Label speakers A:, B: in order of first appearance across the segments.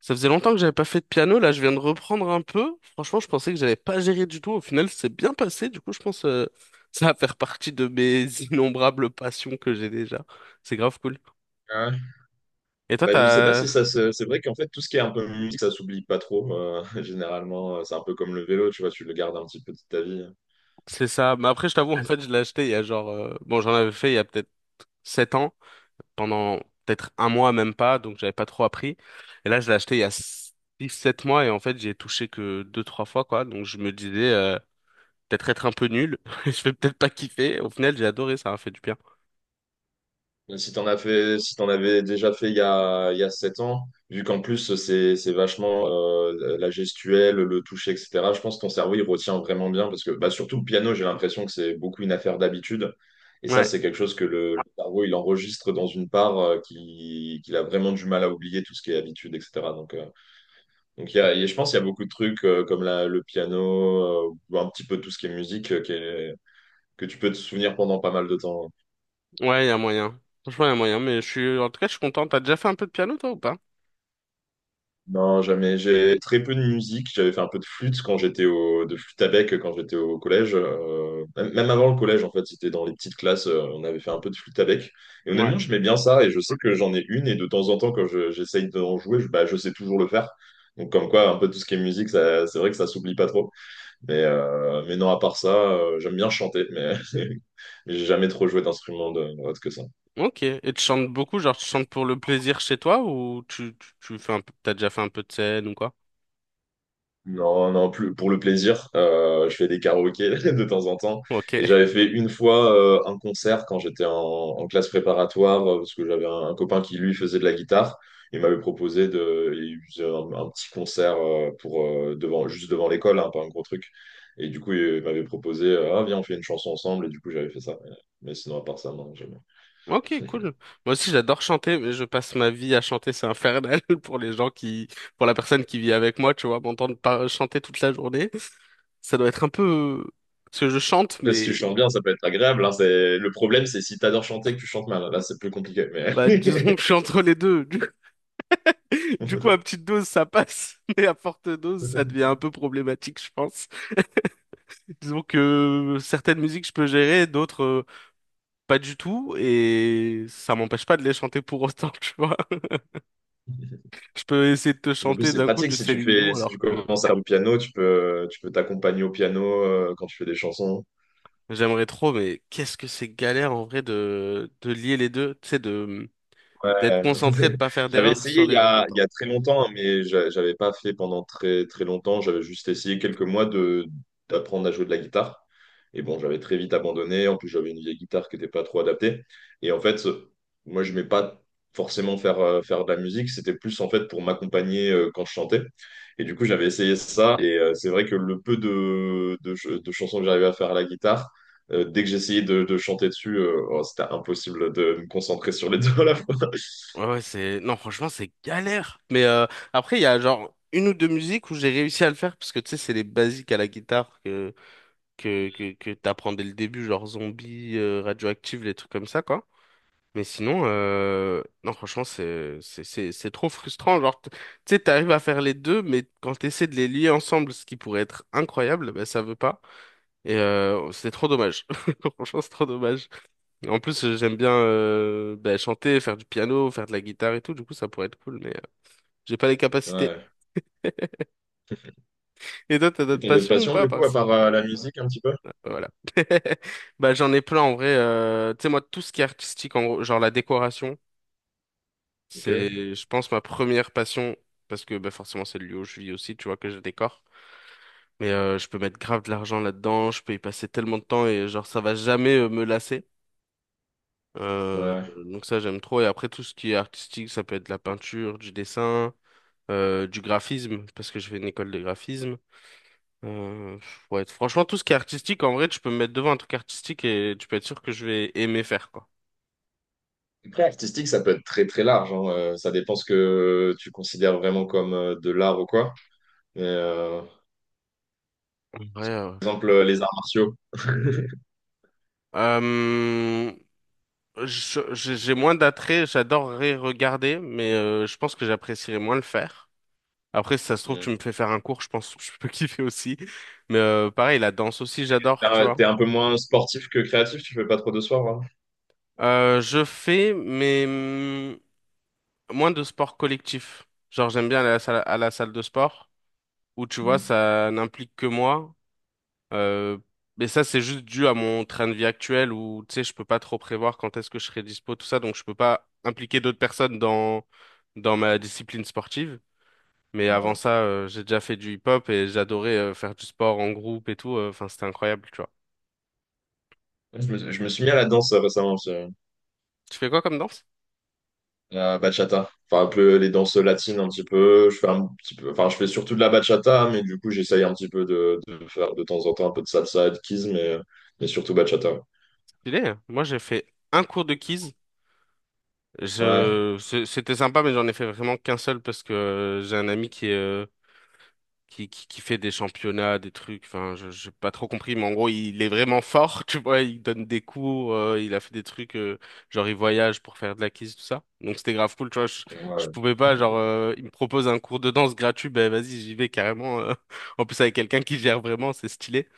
A: Ça faisait longtemps que j'avais pas fait de piano, là je viens de reprendre un peu. Franchement, je pensais que j'avais pas géré du tout. Au final, c'est bien passé. Du coup, je pense ça va faire partie de mes innombrables passions que j'ai déjà. C'est grave cool.
B: Ah ouais.
A: Et toi,
B: Je sais pas
A: t'as...
B: si ça se... C'est vrai qu'en fait, tout ce qui est un peu musique, ça s'oublie pas trop. Généralement, c'est un peu comme le vélo, tu vois, tu le gardes un petit peu de ta vie.
A: C'est ça. Mais après, je t'avoue, en fait, je l'ai acheté il y a genre... Bon, j'en avais fait il y a peut-être 7 ans, pendant peut-être un mois, même pas, donc j'avais pas trop appris. Et là, je l'ai acheté il y a 6, 7 mois et en fait, j'y ai touché que 2, 3 fois, quoi. Donc je me disais... Peut-être être un peu nul, je vais peut-être pas kiffer. Au final, j'ai adoré, ça m'a fait du bien.
B: Mais si t'en as fait... si t'en avais déjà fait il y a 7 ans, vu qu'en plus, c'est vachement la gestuelle, le toucher, etc., je pense que ton cerveau, il retient vraiment bien. Parce que, surtout le piano, j'ai l'impression que c'est beaucoup une affaire d'habitude. Et ça,
A: Ouais,
B: c'est quelque chose que le cerveau, il enregistre dans une part qui... qu'il a vraiment du mal à oublier, tout ce qui est habitude, etc. Donc, je pense qu'il y a beaucoup de trucs comme le piano, ou un petit peu tout ce qui est musique, que tu peux te souvenir pendant pas mal de temps.
A: ouais, il y a moyen. Franchement, il y a moyen, mais je suis, en tout cas, je suis content. T'as déjà fait un peu de piano, toi, ou pas?
B: Non, jamais. J'ai très peu de musique. J'avais fait un peu de flûte de flûte à bec quand j'étais au collège. Même avant le collège, en fait, c'était dans les petites classes. On avait fait un peu de flûte à bec. Et
A: Ouais.
B: honnêtement, j'aimais bien ça. Et je sais que j'en ai une. Et de temps en temps, j'essaye d'en jouer, je sais toujours le faire. Donc, comme quoi, un peu tout ce qui est musique, ça, c'est vrai que ça s'oublie pas trop. Mais non, à part ça, j'aime bien chanter, mais j'ai jamais trop joué d'instrument autre que ça.
A: Ok. Et tu chantes beaucoup, genre, tu chantes pour le plaisir chez toi, ou tu fais un peu, t'as déjà fait un peu de scène ou quoi?
B: Non, non, plus, pour le plaisir. Je fais des karaokés de temps en temps.
A: Ok.
B: Et j'avais fait une fois un concert quand j'étais en classe préparatoire, parce que j'avais un copain qui, lui, faisait de la guitare. Il m'avait proposé il faisait un petit concert devant, juste devant l'école, hein, pas un gros truc. Et du coup, il m'avait proposé, ah, viens, on fait une chanson ensemble. Et du coup, j'avais fait ça. Mais sinon, à part ça, non, j'aime...
A: Ok, cool. Moi aussi, j'adore chanter, mais je passe ma vie à chanter. C'est infernal pour les gens qui, pour la personne qui vit avec moi, tu vois, m'entendre pas chanter toute la journée. Ça doit être un peu, parce que je chante,
B: Après, si tu
A: mais,
B: chantes bien, ça peut être agréable, hein. C'est... Le problème, c'est si t'adores chanter que tu chantes mal. Là, c'est plus compliqué. Mais...
A: bah, disons que je suis entre les deux. Du coup, à petite dose, ça passe, mais à forte dose, ça devient un peu problématique, je pense. Disons que certaines musiques, je peux gérer, d'autres, pas du tout, et ça m'empêche pas de les chanter pour autant, tu vois. Je peux essayer de te
B: En plus,
A: chanter
B: c'est
A: d'un coup
B: pratique.
A: du Céline Dion,
B: Si tu
A: alors que
B: commences à faire du piano, tu peux t'accompagner au piano quand tu fais des chansons.
A: j'aimerais trop, mais qu'est-ce que c'est galère en vrai de lier les deux, tu sais, de, d'être
B: Ouais.
A: concentré, de pas faire
B: J'avais
A: d'erreur
B: essayé
A: sur les deux.
B: il y a très longtemps, hein, mais j'avais pas fait pendant très très longtemps. J'avais juste essayé quelques mois de d'apprendre à jouer de la guitare. Et bon, j'avais très vite abandonné. En plus, j'avais une vieille guitare qui n'était pas trop adaptée. Et en fait, moi, je ne vais pas forcément faire, faire de la musique. C'était plus en fait pour m'accompagner quand je chantais. Et du coup, j'avais essayé ça. Et c'est vrai que le peu de chansons que j'arrivais à faire à la guitare, dès que j'essayais de chanter dessus, oh, c'était impossible de me concentrer sur les deux.
A: Ouais, ouais, c'est... Non, franchement, c'est galère. Mais après, il y a genre une ou deux musiques où j'ai réussi à le faire, parce que tu sais, c'est les basiques à la guitare que, que t'apprends dès le début, genre zombie, radioactive, les trucs comme ça, quoi. Mais sinon, non, franchement, c'est trop frustrant. Genre, tu sais, t'arrives à faire les deux, mais quand t'essaies de les lier ensemble, ce qui pourrait être incroyable, ben, ça veut pas. Et c'est trop dommage. Franchement, c'est trop dommage. En plus, j'aime bien bah, chanter, faire du piano, faire de la guitare et tout. Du coup, ça pourrait être cool, mais j'ai pas les capacités.
B: Ouais.
A: Et toi, t'as
B: Et
A: d'autres
B: t'as d'autres
A: passions ou
B: passions,
A: pas?
B: du coup, à
A: Parce...
B: part la musique, un petit peu?
A: Voilà. Bah, j'en ai plein en vrai. Tu sais, moi, tout ce qui est artistique, en gros, genre la décoration,
B: Ok.
A: c'est, je pense, ma première passion. Parce que bah, forcément, c'est le lieu où je vis aussi, tu vois, que je décore. Mais je peux mettre grave de l'argent là-dedans, je peux y passer tellement de temps et genre, ça va jamais me lasser. Euh,
B: Ouais.
A: donc ça, j'aime trop. Et après, tout ce qui est artistique, ça peut être de la peinture, du dessin. Du graphisme, parce que j'ai fait une école de graphisme. Euh, ouais, franchement, tout ce qui est artistique, en vrai, tu peux me mettre devant un truc artistique et tu peux être sûr que je vais aimer faire, quoi.
B: Après, artistique, ça peut être très très large, hein. Ça dépend ce que tu considères vraiment comme de l'art ou quoi. Mais, euh,
A: En vrai,
B: par exemple, les arts martiaux.
A: euh, j'ai moins d'attrait, j'adorerais regarder, mais je pense que j'apprécierais moins le faire. Après, si ça se trouve, tu
B: Mm.
A: me fais faire un cours, je pense que je peux kiffer aussi. Mais pareil, la danse aussi, j'adore, tu vois.
B: T'es un peu moins sportif que créatif, tu fais pas trop de soir, vraiment.
A: Je fais, mais moins de sport collectif. Genre, j'aime bien aller à la salle de sport. Où tu vois,
B: Mm.
A: ça n'implique que moi. Euh, mais ça, c'est juste dû à mon train de vie actuel où, tu sais, je peux pas trop prévoir quand est-ce que je serai dispo, tout ça, donc je peux pas impliquer d'autres personnes dans dans ma discipline sportive. Mais avant
B: Ouais.
A: ça, j'ai déjà fait du hip-hop et j'adorais faire du sport en groupe et tout. Enfin, c'était incroyable, tu vois.
B: Je me suis mis à la danse récemment, aussi.
A: Tu fais quoi comme danse?
B: La bachata. Enfin, un peu les danses latines, un petit peu. Je fais un petit peu, enfin, je fais surtout de la bachata, mais du coup, j'essaye un petit peu de faire de temps en temps un peu de salsa et de kizomba, mais surtout bachata.
A: Stylé. Hein. Moi, j'ai fait un cours de keys.
B: Ouais,
A: Je, c'était sympa, mais j'en ai fait vraiment qu'un seul parce que j'ai un ami qui est qui fait des championnats, des trucs, enfin, j'ai pas trop compris, mais en gros, il est vraiment fort, tu vois, il donne des cours, il a fait des trucs, genre, il voyage pour faire de la kiss, tout ça. Donc, c'était grave cool, tu vois, je
B: ouais.
A: pouvais pas, genre, il me propose un cours de danse gratuit, ben, vas-y, j'y vais carrément, en plus, avec quelqu'un qui gère vraiment, c'est stylé.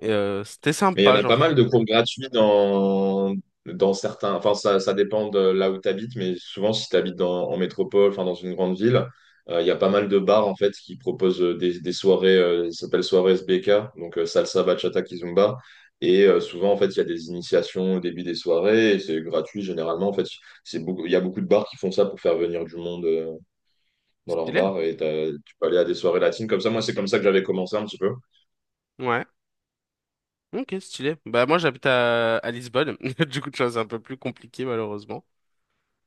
A: Et, c'était
B: Mais il y en
A: sympa,
B: a
A: genre,
B: pas mal de cours gratuits dans certains. Enfin, ça dépend de là où tu habites, mais souvent, si tu habites en métropole, enfin, dans une grande ville, il y a pas mal de bars en fait qui proposent des soirées, ça s'appelle soirée SBK, salsa, bachata, kizomba. Et souvent, en fait, il y a des initiations au début des soirées et c'est gratuit généralement. En fait, c'est beaucoup, il y a beaucoup de bars qui font ça pour faire venir du monde dans leur
A: stylé,
B: bar, et tu peux aller à des soirées latines comme ça. Moi, c'est comme ça que j'avais commencé un petit peu.
A: ouais. Ok, stylé. Bah moi j'habite à Lisbonne, du coup tu vois c'est un peu plus compliqué malheureusement.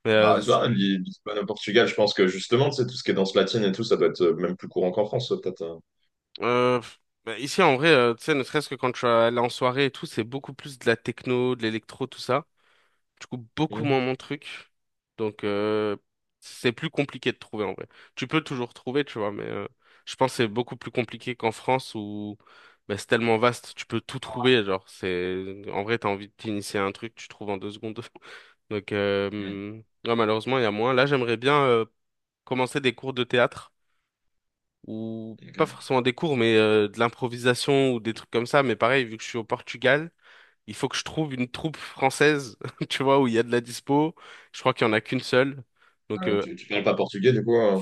A: Mais
B: Tu vois, Lisbonne au Portugal, je pense que justement, tu sais, tout ce qui est danse latine et tout, ça doit être même plus courant qu'en France, peut-être.
A: Euh, bah, ici, en vrai, tu sais, ne serait-ce que quand je suis allé en soirée et tout, c'est beaucoup plus de la techno, de l'électro, tout ça. Du coup, beaucoup moins
B: Mhm.
A: mon truc. Donc, c'est plus compliqué de trouver, en vrai. Tu peux toujours trouver, tu vois, mais je pense que c'est beaucoup plus compliqué qu'en France où bah, c'est tellement vaste, tu peux tout trouver. Genre, c'est... En vrai, t'as envie de t'initier à un truc, tu trouves en 2 secondes. Donc,
B: Mhm.
A: ouais, malheureusement, il y a moins. Là, j'aimerais bien commencer des cours de théâtre ou
B: Ok.
A: pas forcément des cours, mais de l'improvisation ou des trucs comme ça. Mais pareil, vu que je suis au Portugal, il faut que je trouve une troupe française, tu vois, où il y a de la dispo. Je crois qu'il y en a qu'une seule.
B: Ah
A: Donc,
B: ouais, tu parles pas portugais, du coup.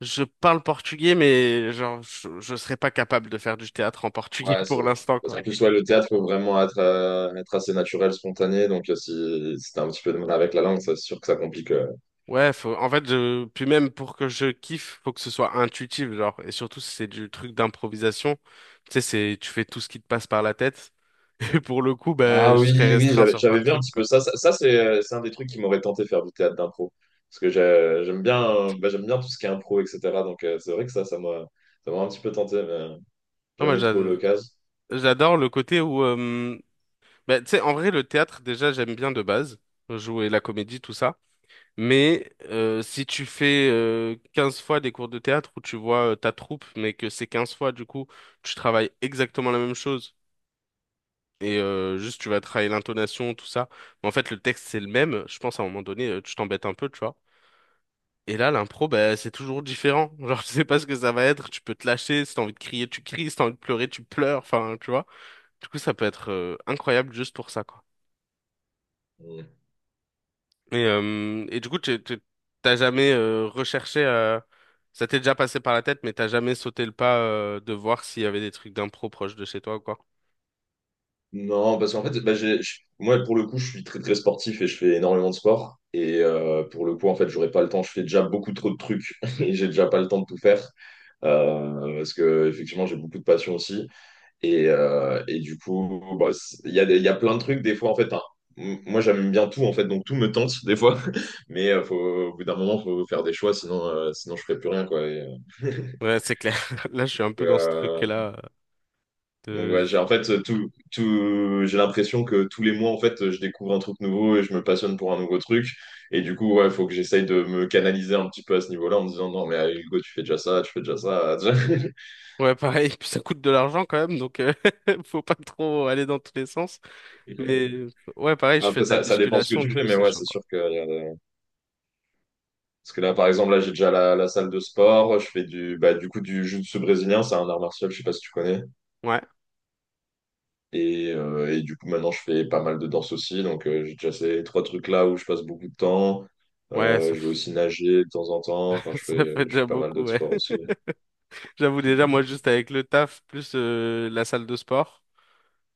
A: je parle portugais, mais genre, je serais pas capable de faire du théâtre en portugais
B: Ouais, ça-
A: pour l'instant,
B: Parce
A: quoi.
B: qu'en plus, ouais, le théâtre peut vraiment être, être assez naturel, spontané. Donc, si t'as un petit peu de mal avec la langue, c'est sûr que ça complique.
A: Ouais, faut, en fait, je, puis même pour que je kiffe, faut que ce soit intuitif, genre, et surtout si c'est du truc d'improvisation, tu sais, c'est, tu fais tout ce qui te passe par la tête, et pour le coup, bah,
B: Ah
A: je serais
B: oui, oui,
A: restreint sur plein
B: j'avais
A: de
B: vu un
A: trucs,
B: petit
A: quoi.
B: peu ça. C'est un des trucs qui m'aurait tenté faire du théâtre d'impro. Parce que j'aime bien, j'aime bien tout ce qui est impro, etc. Donc, c'est vrai que ça m'a un petit peu tenté, mais j'ai
A: Non, moi,
B: jamais eu trop eu l'occasion.
A: j'adore le côté où, bah, tu sais, en vrai, le théâtre, déjà, j'aime bien de base, jouer la comédie, tout ça. Mais si tu fais 15 fois des cours de théâtre où tu vois ta troupe, mais que c'est 15 fois, du coup, tu travailles exactement la même chose. Et juste, tu vas travailler l'intonation, tout ça. Mais en fait, le texte, c'est le même. Je pense, à un moment donné, tu t'embêtes un peu, tu vois. Et là, l'impro, bah, c'est toujours différent. Genre, tu sais pas ce que ça va être. Tu peux te lâcher. Si t'as envie de crier, tu cries. Si t'as envie de pleurer, tu pleures. Enfin, tu vois. Du coup, ça peut être incroyable juste pour ça, quoi. Et du coup, t'as jamais recherché, ça t'est déjà passé par la tête, mais t'as jamais sauté le pas de voir s'il y avait des trucs d'impro proche de chez toi ou quoi.
B: Non, parce qu'en fait, moi, pour le coup, je suis très très sportif et je fais énormément de sport. Et pour le coup, en fait, j'aurais pas le temps. Je fais déjà beaucoup trop de trucs et j'ai déjà pas le temps de tout faire. Parce que effectivement, j'ai beaucoup de passion aussi. Et du coup, il y a, il y a plein de trucs. Des fois, en fait, hein, moi, j'aime bien tout, en fait, donc tout me tente des fois. Mais au bout d'un moment, faut faire des choix, sinon, sinon je ferai plus rien, quoi.
A: Ouais, c'est clair. Là, je suis un peu dans ce
B: Euh,
A: truc-là
B: Donc
A: de...
B: ouais, j'ai en fait tout, j'ai l'impression que tous les mois en fait je découvre un truc nouveau et je me passionne pour un nouveau truc, et du coup ouais faut que j'essaye de me canaliser un petit peu à ce niveau-là en me disant non mais allez, Hugo, tu fais déjà ça, tu fais déjà ça.
A: Ouais, pareil, puis ça coûte de l'argent quand même, donc faut pas trop aller dans tous les sens. Mais ouais, pareil, je fais
B: Après
A: de la
B: ça, ça dépend ce que
A: musculation,
B: tu
A: du
B: fais,
A: coup,
B: mais
A: c'est
B: ouais
A: chaud,
B: c'est
A: quoi.
B: sûr que parce que là par exemple là j'ai déjà la salle de sport, je fais du bah du coup du jiu-jitsu brésilien, c'est un art martial, je sais pas si tu connais.
A: Ouais,
B: Et du coup, maintenant, je fais pas mal de danse aussi. Donc, j'ai déjà ces 3 trucs-là où je passe beaucoup de temps.
A: ouais,
B: Je vais aussi nager de temps en temps. Enfin,
A: ça fait
B: je fais
A: déjà
B: pas mal
A: beaucoup,
B: d'autres
A: ouais.
B: sports aussi.
A: J'avoue déjà, moi, juste avec le taf, plus la salle de sport,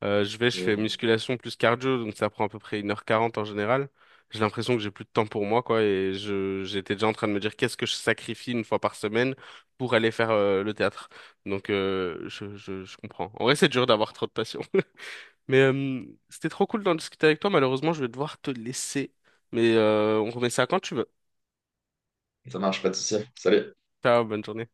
A: je vais, je fais
B: Mm.
A: musculation plus cardio, donc ça prend à peu près 1h40 en général. J'ai l'impression que j'ai plus de temps pour moi, quoi, et j'étais déjà en train de me dire qu'est-ce que je sacrifie une fois par semaine pour aller faire le théâtre. Donc, je comprends. En vrai, c'est dur d'avoir trop de passion. Mais c'était trop cool d'en discuter avec toi. Malheureusement, je vais devoir te laisser. Mais on remet ça quand tu veux.
B: Ça marche, pas de souci. Salut.
A: Ciao, bonne journée.